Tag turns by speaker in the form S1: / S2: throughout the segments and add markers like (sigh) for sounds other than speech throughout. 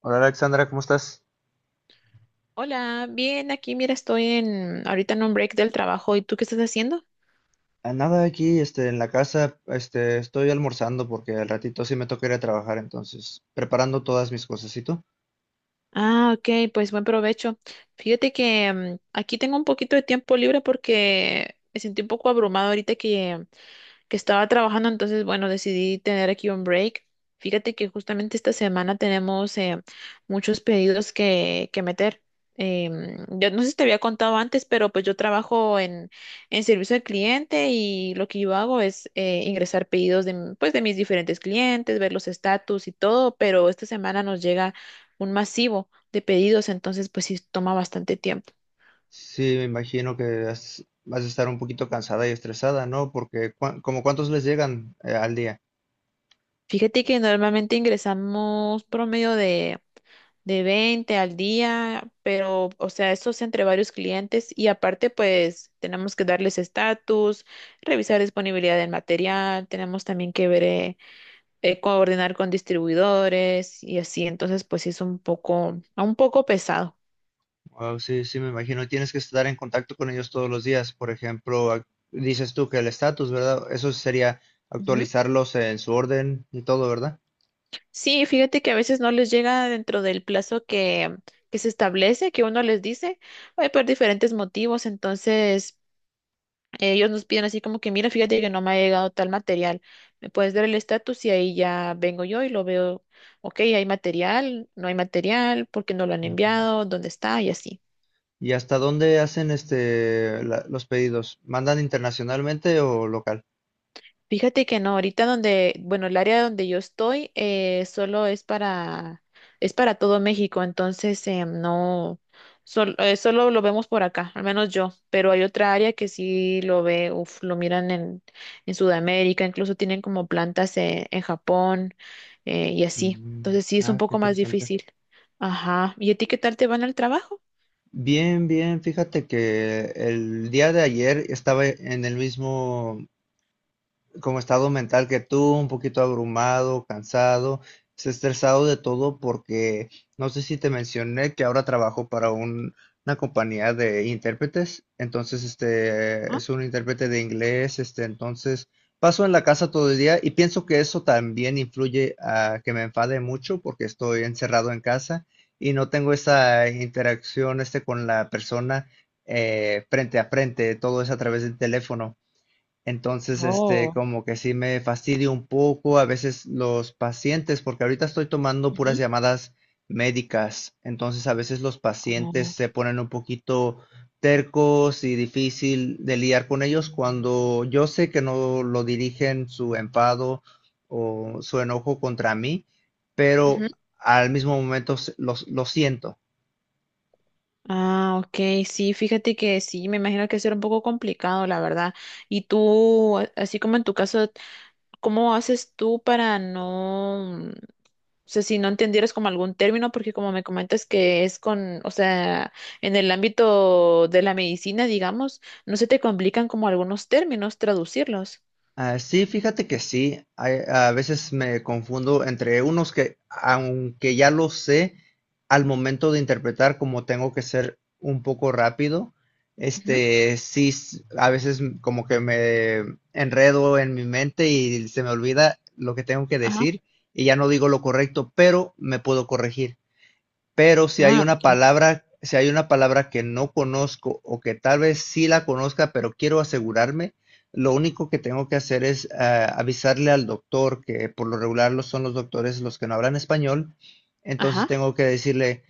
S1: Hola Alexandra, ¿cómo estás?
S2: Hola, bien, aquí mira, estoy en ahorita en un break del trabajo. ¿Y tú qué estás haciendo?
S1: A nada aquí, en la casa, estoy almorzando porque al ratito sí me toca ir a trabajar, entonces, preparando todas mis cosas. ¿Y tú?
S2: Ah, ok, pues buen provecho. Fíjate que aquí tengo un poquito de tiempo libre porque me sentí un poco abrumado ahorita que estaba trabajando, entonces, bueno, decidí tener aquí un break. Fíjate que justamente esta semana tenemos muchos pedidos que meter. Yo no sé si te había contado antes, pero pues yo trabajo en servicio al cliente y lo que yo hago es ingresar pedidos de, pues, de mis diferentes clientes, ver los estatus y todo, pero esta semana nos llega un masivo de pedidos, entonces pues sí toma bastante tiempo.
S1: Sí, me imagino que vas a estar un poquito cansada y estresada, ¿no? Porque, como cuántos les llegan al día?
S2: Fíjate que normalmente ingresamos promedio de 20 al día, pero o sea, eso es entre varios clientes y aparte pues tenemos que darles estatus, revisar disponibilidad del material, tenemos también que ver, coordinar con distribuidores y así, entonces pues sí es un poco pesado.
S1: Oh, sí, sí, me imagino. Tienes que estar en contacto con ellos todos los días. Por ejemplo, dices tú que el estatus, ¿verdad? Eso sería actualizarlos en su orden y todo, ¿verdad?
S2: Sí, fíjate que a veces no les llega dentro del plazo que se establece, que uno les dice, por diferentes motivos. Entonces, ellos nos piden así como que, mira, fíjate que no me ha llegado tal material. ¿Me puedes dar el estatus? Y ahí ya vengo yo y lo veo, ok, hay material, no hay material, ¿por qué no lo han
S1: Ujú.
S2: enviado? ¿Dónde está? Y así.
S1: ¿Y hasta dónde hacen los pedidos? ¿Mandan internacionalmente o local?
S2: Fíjate que no, ahorita donde, bueno, el área donde yo estoy, solo es para todo México, entonces no, solo lo vemos por acá, al menos yo, pero hay otra área que sí lo ve, uf, lo miran en Sudamérica, incluso tienen como plantas en Japón y así,
S1: Mm,
S2: entonces sí es un
S1: ah, qué
S2: poco más
S1: interesante.
S2: difícil. Ajá, ¿y a ti qué tal te van al trabajo?
S1: Bien, bien, fíjate que el día de ayer estaba en el mismo como estado mental que tú, un poquito abrumado, cansado, estresado de todo porque no sé si te mencioné que ahora trabajo para una compañía de intérpretes, entonces
S2: ¿Ah?
S1: es un intérprete de inglés, entonces paso en la casa todo el día y pienso que eso también influye a que me enfade mucho porque estoy encerrado en casa y no tengo esa interacción con la persona frente a frente, todo es a través del teléfono. Entonces,
S2: Oh.
S1: como que sí me fastidio un poco a veces los pacientes, porque ahorita estoy tomando puras
S2: Ujú.
S1: llamadas médicas. Entonces, a veces los pacientes se ponen un poquito tercos y difícil de lidiar con ellos cuando yo sé que no lo dirigen su enfado o su enojo contra mí, pero
S2: Oh.
S1: al mismo momento lo siento.
S2: Ah, ok, sí, fíjate que sí, me imagino que será un poco complicado, la verdad. Y tú, así como en tu caso, ¿cómo haces tú para no, o sea, si no entendieras como algún término, porque como me comentas que es con, o sea, en el ámbito de la medicina, digamos, no se te complican como algunos términos traducirlos.
S1: Ah, sí, fíjate que sí. A veces me confundo entre unos que, aunque ya lo sé, al momento de interpretar, como tengo que ser un poco rápido,
S2: Ujú.
S1: sí, a veces como que me enredo en mi mente y se me olvida lo que tengo que
S2: Ajá.
S1: decir y ya no digo lo correcto, pero me puedo corregir. Pero
S2: Ah, ok.
S1: si hay una palabra que no conozco o que tal vez sí la conozca, pero quiero asegurarme, lo único que tengo que hacer es avisarle al doctor, que por lo regular son los doctores los que no hablan español. Entonces
S2: Ajá.
S1: tengo que decirle: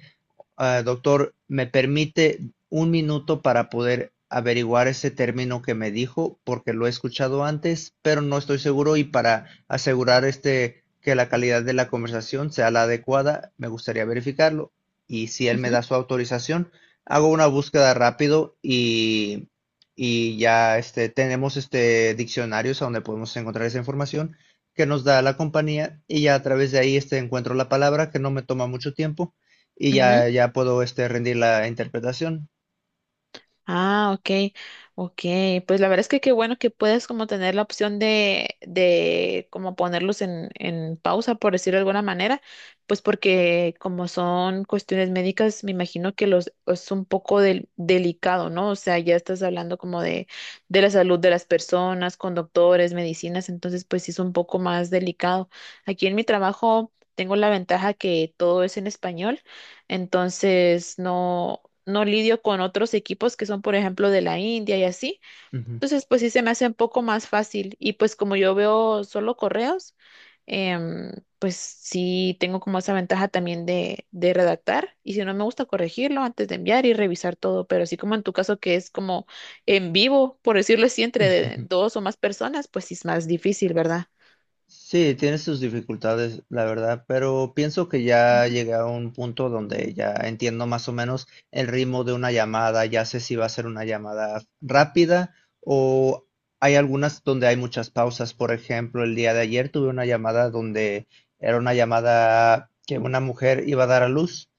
S1: "Ah, doctor, ¿me permite un minuto para poder averiguar ese término que me dijo? Porque lo he escuchado antes, pero no estoy seguro y para asegurar que la calidad de la conversación sea la adecuada, me gustaría verificarlo". Y si él me
S2: Ujú.
S1: da su autorización, hago una búsqueda rápido y ya tenemos diccionarios a donde podemos encontrar esa información que nos da la compañía y ya a través de ahí encuentro la palabra que no me toma mucho tiempo y
S2: Ujú.
S1: ya puedo, rendir la interpretación.
S2: Ah, ok, ok. Pues la verdad es que qué bueno que puedes como tener la opción de como ponerlos en pausa, por decirlo de alguna manera, pues porque como son cuestiones médicas, me imagino que los es un poco delicado, ¿no? O sea, ya estás hablando como de la salud de las personas, con doctores, medicinas, entonces pues sí es un poco más delicado. Aquí en mi trabajo tengo la ventaja que todo es en español. Entonces, no lidio con otros equipos que son, por ejemplo, de la India y así.
S1: Ujú.
S2: Entonces, pues sí se me hace un poco más fácil. Y pues como yo veo solo correos, em, pues sí tengo como esa ventaja también de redactar. Y si no me gusta corregirlo antes de enviar y revisar todo, pero así como en tu caso que es como en vivo, por decirlo así, entre
S1: (laughs)
S2: dos o más personas, pues sí es más difícil, ¿verdad?
S1: Sí, tiene sus dificultades, la verdad, pero pienso que ya llegué a un punto donde ya entiendo más o menos el ritmo de una llamada, ya sé si va a ser una llamada rápida o hay algunas donde hay muchas pausas. Por ejemplo, el día de ayer tuve una llamada donde era una llamada que una mujer iba a dar a luz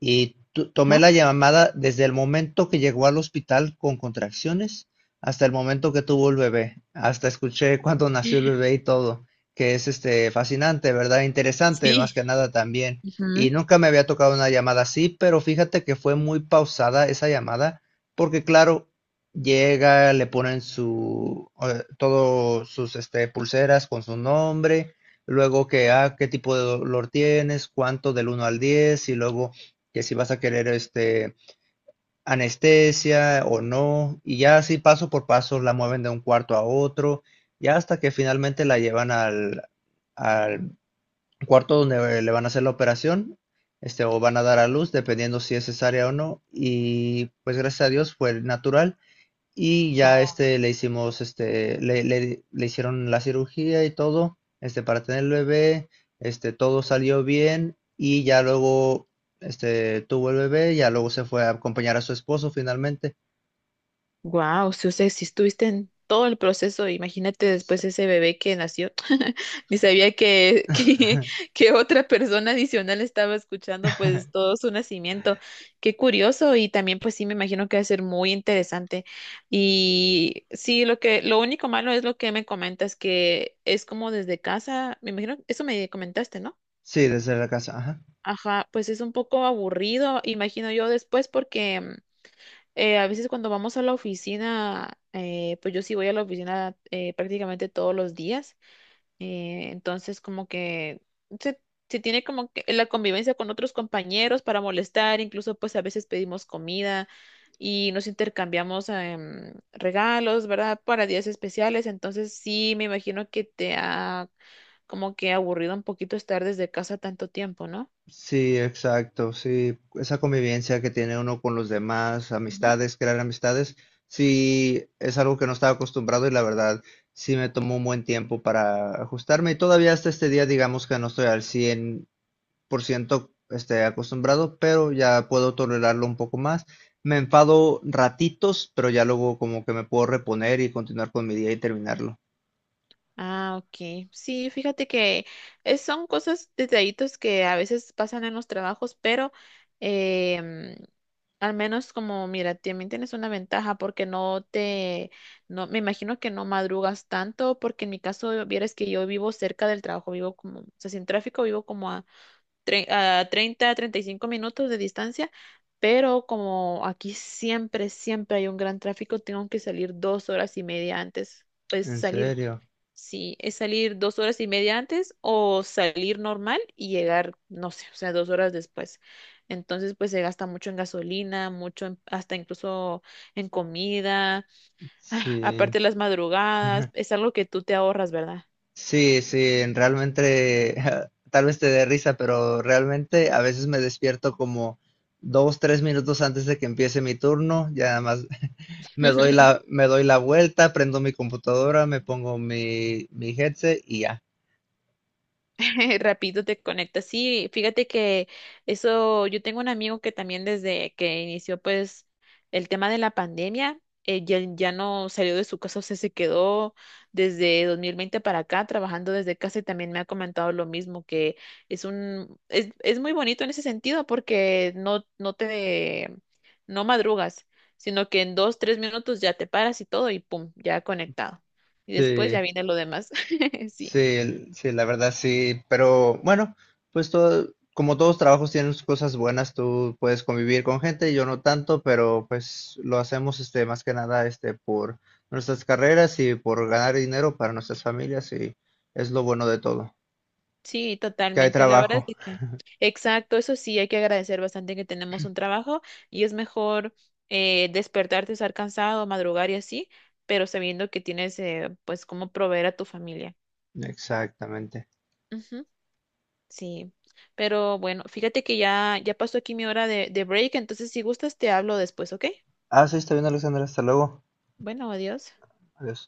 S1: y tomé
S2: Ajá.
S1: la llamada desde el momento que llegó al hospital con contracciones hasta el momento que tuvo el bebé, hasta escuché cuando nació el bebé y todo, que es fascinante, ¿verdad? Interesante, más
S2: Sí.
S1: que nada también.
S2: Ujú.
S1: Y nunca me había tocado una llamada así, pero fíjate que fue muy pausada esa llamada, porque claro, llega, le ponen su todos sus, pulseras con su nombre, luego que qué tipo de dolor tienes, cuánto del 1 al 10 y luego que si vas a querer anestesia o no, y ya así paso por paso la mueven de un cuarto a otro, ya hasta que finalmente la llevan al cuarto donde le van a hacer la operación, o van a dar a luz, dependiendo si es cesárea o no, y pues gracias a Dios fue natural y ya este le hicimos este le, le- le hicieron la cirugía y todo, para tener el bebé, todo salió bien y ya luego tuvo el bebé, ya luego se fue a acompañar a su esposo finalmente.
S2: Wow, si, o sea, si estuviste en todo el proceso, imagínate después ese bebé que nació, (laughs) ni sabía (laughs)
S1: (laughs)
S2: que otra persona adicional estaba escuchando pues todo su nacimiento. Qué curioso y también pues sí me imagino que va a ser muy interesante. Y sí, lo único malo es lo que me comentas, que es como desde casa, me imagino, eso me comentaste, ¿no?
S1: Sí, desde la casa, ajá.
S2: Ajá, pues es un poco aburrido, imagino yo después porque... a veces cuando vamos a la oficina, pues yo sí voy a la oficina prácticamente todos los días, entonces como que se, se tiene como que la convivencia con otros compañeros para molestar, incluso pues a veces pedimos comida y nos intercambiamos regalos, ¿verdad? Para días especiales, entonces sí me imagino que te ha como que aburrido un poquito estar desde casa tanto tiempo, ¿no?
S1: Sí, exacto, sí, esa convivencia que tiene uno con los demás, amistades, crear amistades, sí, es algo que no estaba acostumbrado y, la verdad, sí me tomó un buen tiempo para ajustarme y todavía hasta este día digamos que no estoy al 100%, acostumbrado, pero ya puedo tolerarlo un poco más. Me enfado ratitos, pero ya luego como que me puedo reponer y continuar con mi día y terminarlo.
S2: Ah, ok. Sí, fíjate que son cosas, detallitos que a veces pasan en los trabajos, pero em, al menos como, mira, también tienes una ventaja porque no me imagino que no madrugas tanto, porque en mi caso, vieras que yo vivo cerca del trabajo, vivo como, o sea, sin tráfico, vivo como a, a 30, 35 minutos de distancia, pero como aquí siempre hay un gran tráfico, tengo que salir dos horas y media antes, pues
S1: ¿En
S2: salir.
S1: serio?
S2: Sí, es salir dos horas y media antes o salir normal y llegar, no sé, o sea, dos horas después. Entonces, pues se gasta mucho en gasolina, mucho hasta incluso en comida. (sighs) Ah,
S1: Sí.
S2: aparte las madrugadas, es algo que tú te ahorras, ¿verdad?
S1: Sí, sí, realmente (laughs) tal vez te dé risa, pero realmente a veces me despierto como 2, 3 minutos antes de que empiece mi turno, ya nada más (laughs)
S2: (laughs)
S1: me doy la vuelta, prendo mi computadora, me pongo mi headset y ya.
S2: (laughs) Rapidito te conectas. Sí, fíjate que eso, yo tengo un amigo que también desde que inició pues el tema de la pandemia, ya no salió de su casa, o sea, se quedó desde 2020 para acá trabajando desde casa y también me ha comentado lo mismo, que es es muy bonito en ese sentido porque no te, no madrugas, sino que en dos, tres minutos ya te paras y todo y pum, ya conectado. Y después ya
S1: Sí.
S2: viene lo demás. (laughs) Sí.
S1: Sí, sí, la verdad sí, pero bueno, pues todo, como todos trabajos tienen sus cosas buenas, tú puedes convivir con gente, yo no tanto, pero pues lo hacemos, más que nada, por nuestras carreras y por ganar dinero para nuestras familias, y es lo bueno de todo,
S2: Sí,
S1: que hay
S2: totalmente. La verdad
S1: trabajo.
S2: es que, exacto, eso sí, hay que agradecer bastante que tenemos un trabajo y es mejor despertarte, estar cansado, madrugar y así, pero sabiendo que tienes, pues, cómo proveer a tu familia.
S1: Exactamente.
S2: Ujú, sí, pero bueno, fíjate que ya pasó aquí mi hora de break, entonces si gustas te hablo después, ¿ok?
S1: Ah, sí, está bien, Alexander, hasta luego.
S2: Bueno, adiós.
S1: Adiós.